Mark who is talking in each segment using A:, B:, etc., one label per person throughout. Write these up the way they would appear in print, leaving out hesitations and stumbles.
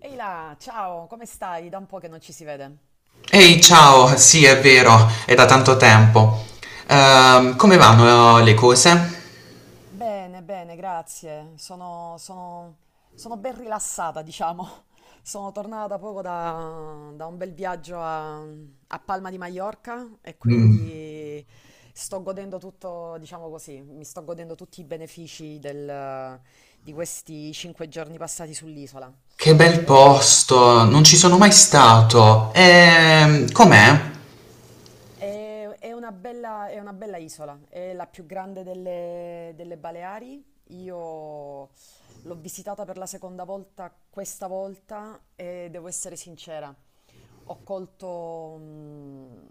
A: Ehi là, ciao, come stai? Da un po' che non ci si vede.
B: Ehi, ciao, sì, è vero, è da tanto tempo. Come vanno le cose?
A: Bene, bene, grazie. Sono ben rilassata, diciamo. Sono tornata poco da un bel viaggio a Palma di Maiorca e
B: Mm,
A: quindi sto godendo tutto, diciamo così, mi sto godendo tutti i benefici di questi cinque giorni passati sull'isola.
B: che bel
A: Eh,
B: posto, non ci sono mai stato. Com'è?
A: è una bella isola, è la più grande delle Baleari. Io l'ho visitata per la seconda volta questa volta e devo essere sincera, ho colto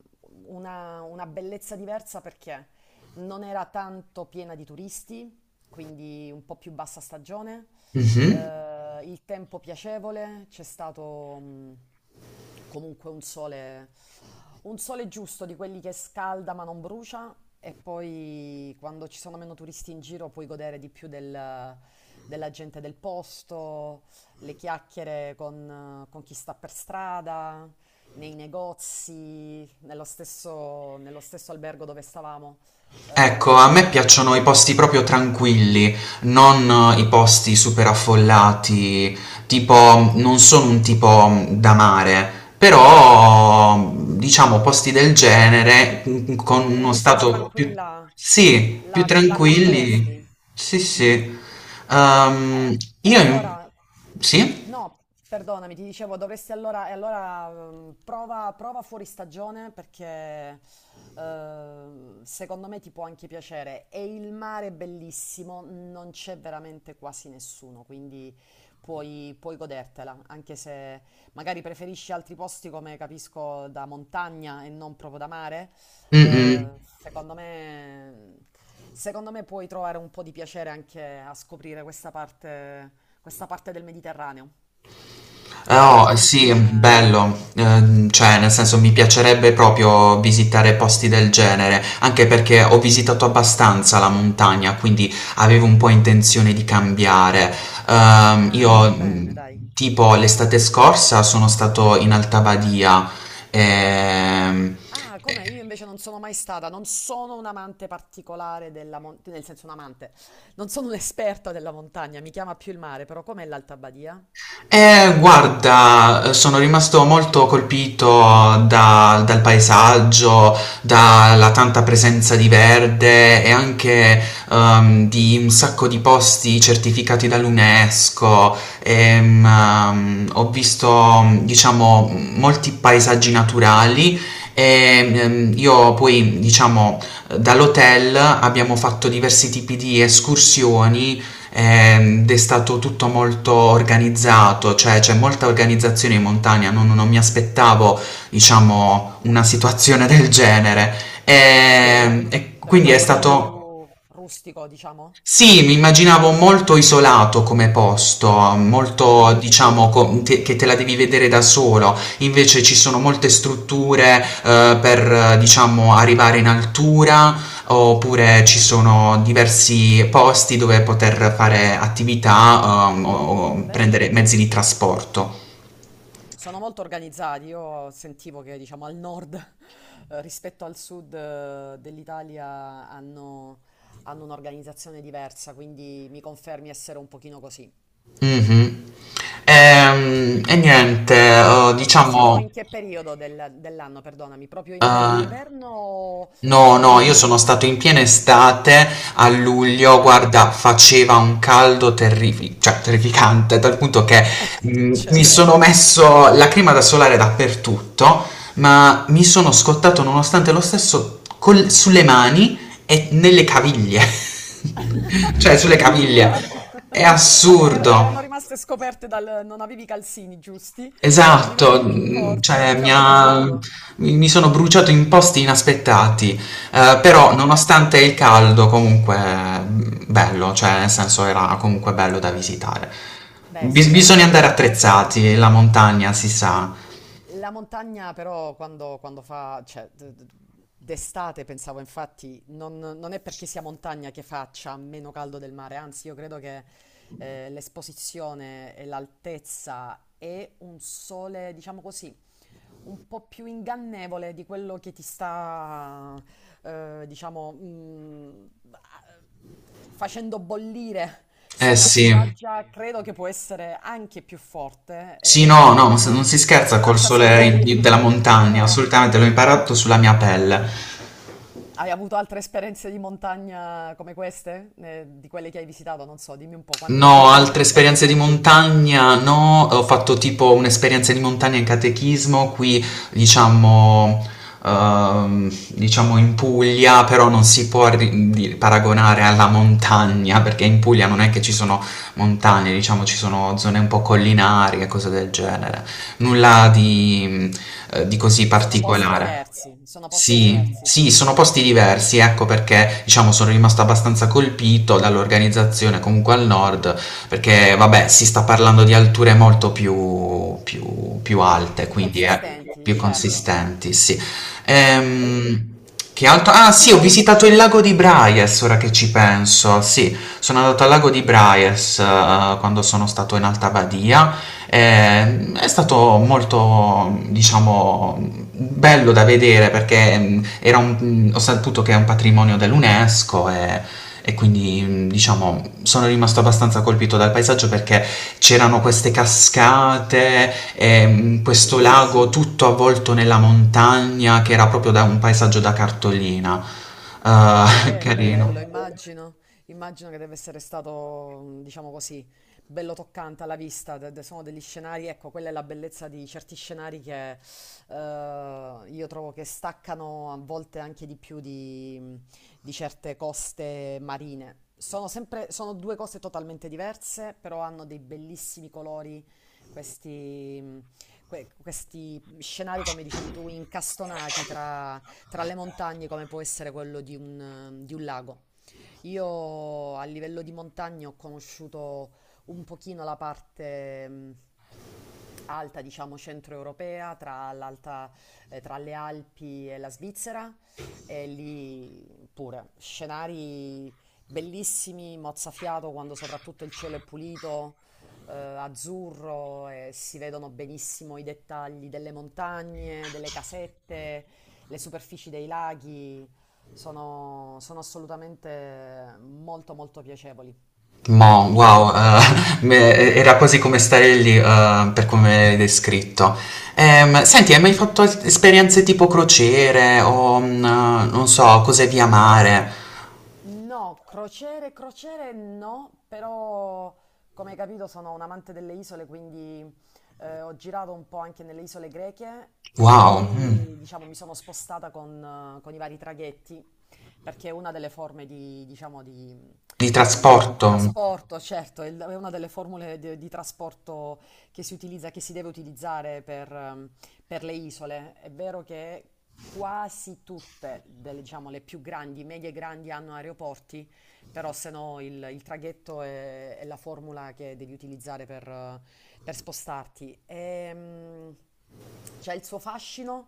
A: una bellezza diversa perché non era tanto piena di turisti, quindi un po' più bassa stagione,
B: Mhm.
A: il tempo piacevole, c'è stato comunque un sole giusto di quelli che scalda ma non brucia e poi quando ci sono meno turisti in giro puoi godere di più della gente del posto, le chiacchiere con chi sta per strada, nei negozi, nello stesso albergo dove stavamo
B: Ecco, a
A: con
B: me
A: la mia
B: piacciono i
A: amica.
B: posti proprio tranquilli, non i posti super affollati, tipo non sono un tipo da mare, però diciamo posti del genere con uno
A: Un'isola
B: stato più,
A: tranquilla
B: sì, più
A: la
B: tranquilli.
A: accetteresti?
B: Sì, sì. Ehm,
A: Eh, E,
B: io in-
A: allora,
B: sì?
A: no, perdonami, ti dicevo, dovresti allora, e allora prova fuori stagione perché secondo me ti può anche piacere. E il mare è bellissimo, non c'è veramente quasi nessuno, quindi puoi godertela, anche se magari preferisci altri posti come capisco da montagna e non proprio da mare.
B: Mm-mm.
A: Eh, secondo me, secondo me puoi trovare un po' di piacere anche a scoprire questa parte del Mediterraneo. Che
B: Oh,
A: preferisci
B: sì, è
A: come.
B: bello. Cioè, nel senso, mi piacerebbe proprio visitare posti del genere, anche perché ho visitato abbastanza la montagna, quindi avevo un po' intenzione di cambiare. Ehm, io,
A: Ah, bene,
B: mh,
A: dai.
B: tipo l'estate scorsa, sono stato in Alta Badia, ehm,
A: Ah, come io invece non sono mai stata, non sono un amante particolare della montagna, nel senso un amante, non sono un'esperta della montagna, mi chiama più il mare, però com'è l'Alta Badia?
B: Guarda, sono rimasto molto colpito dal paesaggio, dalla tanta presenza di verde e anche di un sacco di posti certificati dall'UNESCO. Ho visto, diciamo, molti paesaggi naturali e io poi, diciamo, dall'hotel abbiamo fatto diversi tipi di escursioni, ed è stato tutto molto organizzato, cioè c'è molta organizzazione in montagna, non mi aspettavo, diciamo, una situazione del genere.
A: Te lo, te lo
B: E
A: te lo
B: quindi è
A: immaginavi più
B: stato...
A: rustico, diciamo?
B: Sì, mi immaginavo molto isolato come posto,
A: Ah,
B: molto,
A: ok,
B: diciamo, che te la devi vedere da solo. Invece ci sono molte strutture, per, diciamo, arrivare in altura, oppure ci sono diversi posti dove poter fare attività, o
A: bello.
B: prendere mezzi di trasporto.
A: Sono molto organizzati, io sentivo che diciamo al nord rispetto al sud dell'Italia hanno un'organizzazione diversa, quindi mi confermi essere un pochino così.
B: Mhm. E, niente, sì,
A: E sei stato
B: diciamo.
A: in che periodo dell'anno, perdonami? Proprio
B: Uhm,
A: inverno-inverno o
B: no,
A: con.
B: no, io sono stato in piena estate a luglio,
A: Ah,
B: guarda, faceva un caldo terrifi cioè terrificante, dal punto che, mi
A: certo,
B: sono messo la crema da solare dappertutto, ma mi sono scottato nonostante lo stesso col sulle mani e nelle caviglie, cioè sulle caviglie.
A: addirittura!
B: È
A: Ave- er-
B: assurdo.
A: erano rimaste scoperte dal. Non avevi i calzini giusti, li avevi
B: Esatto,
A: messi più corti e ti ha bruciato.
B: mi sono bruciato in posti inaspettati, però
A: Certo.
B: nonostante il caldo comunque, bello, cioè nel senso era comunque bello da visitare.
A: Beh, sì, certo, la
B: Bisogna andare
A: montagna,
B: attrezzati, la montagna si sa.
A: la montagna però quando fa, cioè, d'estate pensavo infatti, non è perché sia montagna che faccia meno caldo del mare, anzi io credo che l'esposizione e l'altezza e un sole, diciamo così, un po' più ingannevole di quello che ti sta, diciamo, facendo bollire su
B: Eh
A: una
B: sì.
A: spiaggia, sì, credo che può essere anche più forte
B: Sì, no,
A: e
B: no, non
A: quindi
B: si scherza
A: ti
B: col
A: lascia
B: sole
A: segnali.
B: in della
A: Assolutamente.
B: montagna,
A: No,
B: assolutamente, l'ho imparato sulla mia pelle.
A: hai avuto altre esperienze di montagna come queste? Di quelle che hai visitato? Non so, dimmi un po', quante,
B: No,
A: quante
B: altre
A: altre ne
B: esperienze di
A: conosci?
B: montagna no, ho fatto tipo un'esperienza di montagna in catechismo qui, diciamo, diciamo in Puglia, però non si può paragonare alla montagna, perché in Puglia non è che ci sono montagne, diciamo ci sono zone un po' collinari e cose del genere, nulla di così
A: Sono posti, no, no,
B: particolare.
A: diversi, sono posti
B: Sì,
A: diversi,
B: sì, sono posti diversi, ecco perché diciamo sono rimasto abbastanza colpito dall'organizzazione comunque al nord, perché vabbè si sta parlando di alture molto più, più alte,
A: più
B: quindi
A: consistenti,
B: più
A: certo.
B: consistenti, sì.
A: E,
B: Ehm, che
A: e
B: altro? Ah
A: invece di
B: sì, ho visitato
A: viaggi.
B: il lago di Braies, ora che ci penso, sì, sono andato al lago di Braies
A: Bello,
B: quando sono stato in Alta Badia. È stato molto, diciamo, bello da vedere perché ho saputo che è un patrimonio dell'UNESCO, e quindi, diciamo, sono rimasto abbastanza colpito dal paesaggio perché c'erano queste cascate, e, questo
A: bellissimo.
B: lago tutto avvolto nella montagna che era proprio da un paesaggio da cartolina.
A: Bello, bello,
B: Carino.
A: immagino che deve essere stato, diciamo così, bello toccante alla vista, sono degli scenari, ecco, quella è la bellezza di certi scenari che io trovo che staccano a volte anche di più di certe coste marine. Sono due cose totalmente diverse, però hanno dei bellissimi colori, questi, questi scenari, come dicevi tu, incastonati tra le montagne come può essere quello di un lago. Io a livello di montagne ho conosciuto un pochino la parte alta, diciamo centroeuropea, tra le Alpi e la Svizzera, e lì pure scenari bellissimi, mozzafiato quando soprattutto il cielo è pulito, azzurro e si vedono benissimo i dettagli delle montagne, delle casette, le superfici dei laghi. Sono assolutamente molto molto piacevoli.
B: Mo,
A: Eh,
B: wow, era quasi come stare lì, per come l'hai descritto. Senti, hai mai fatto esperienze tipo crociere o, non so, cose via mare?
A: no, crociere, crociere no, però come hai capito sono un amante delle isole, quindi ho girato un po' anche nelle isole greche e
B: Wow, mm,
A: lì diciamo mi sono spostata con i vari traghetti, perché è una delle forme di, diciamo, di,
B: di
A: di
B: trasporto.
A: trasporto, certo, è una delle formule di trasporto che si utilizza, che si deve utilizzare per le isole, è vero che quasi tutte, delle, diciamo, le più grandi, medie e grandi hanno aeroporti, però se no il traghetto è la formula che devi utilizzare per spostarti. C'è il suo fascino.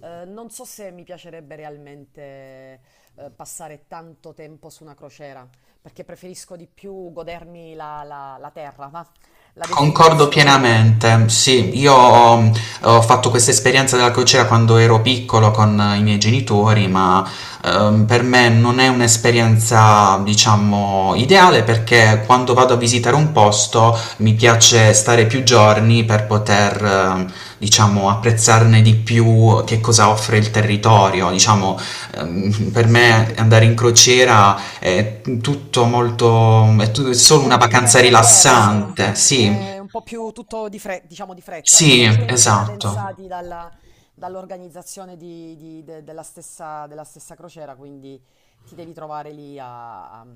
A: Non so se mi piacerebbe realmente passare tanto tempo su una crociera, perché preferisco di più godermi la terra, va? La
B: Concordo
A: destinazione, quindi.
B: pienamente, sì, ho fatto questa esperienza della crociera quando ero piccolo con i miei genitori, ma per me non è un'esperienza, diciamo, ideale, perché quando vado a visitare un posto mi piace stare più giorni per poter, diciamo, apprezzarne di più che cosa offre il territorio. Diciamo, per me
A: Certo.
B: andare in crociera è tutto molto, è
A: Ti
B: solo una
A: godi il
B: vacanza rilassante,
A: tempo diverso,
B: rilassante, sì,
A: è un po' più tutto di diciamo di fretta. Ci
B: sì,
A: sono i tempi
B: esatto,
A: cadenzati dall'organizzazione della stessa crociera, quindi ti devi trovare lì a, a-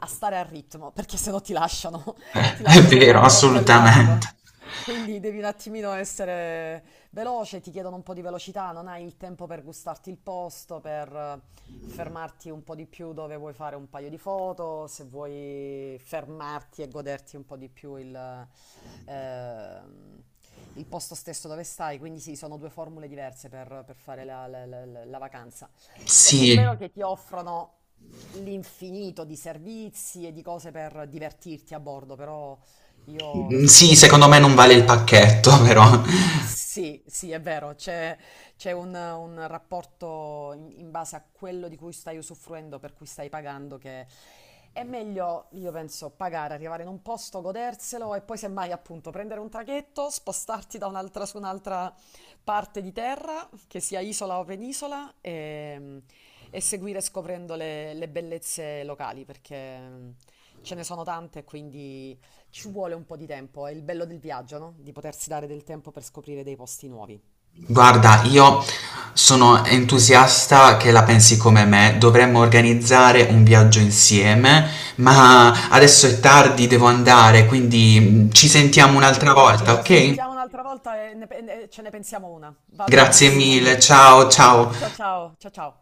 A: a stare al ritmo, perché sennò ti lasciano, ti
B: è
A: lasciano tra
B: vero,
A: un porto e l'altro.
B: assolutamente.
A: Quindi devi un attimino essere, veloce, ti chiedono un po' di velocità, non hai il tempo per gustarti il posto, per fermarti un po' di più dove vuoi fare un paio di foto, se vuoi fermarti e goderti un po' di più ehm, il posto stesso dove stai. Quindi sì, sono due formule diverse per fare la vacanza. È pur vero
B: Sì,
A: che ti offrono l'infinito di servizi e di cose per divertirti a bordo, però io resto
B: sì, secondo
A: sempre
B: me
A: del
B: non vale il
A: fatto.
B: pacchetto, però.
A: Eh, sì, sì, è vero, c'è un rapporto in base a quello di cui stai usufruendo, per cui stai pagando, che è meglio, io penso, pagare, arrivare in un posto, goderselo e poi semmai appunto prendere un traghetto, spostarti da un'altra su un'altra parte di terra, che sia isola o penisola, e seguire scoprendo le bellezze locali, perché ce ne sono tante e quindi ci vuole un po' di tempo. È il bello del viaggio, no? Di potersi dare del tempo per scoprire dei posti nuovi.
B: Guarda, io sono entusiasta che la pensi come me, dovremmo organizzare un viaggio insieme, ma adesso è tardi, devo andare, quindi ci sentiamo un'altra
A: Tranquillo,
B: volta,
A: ci
B: ok?
A: sentiamo un'altra volta e ne pe- e ne- ce ne pensiamo una. Va
B: Grazie
A: benissimo.
B: mille, ciao, ciao.
A: Ciao ciao, ciao ciao.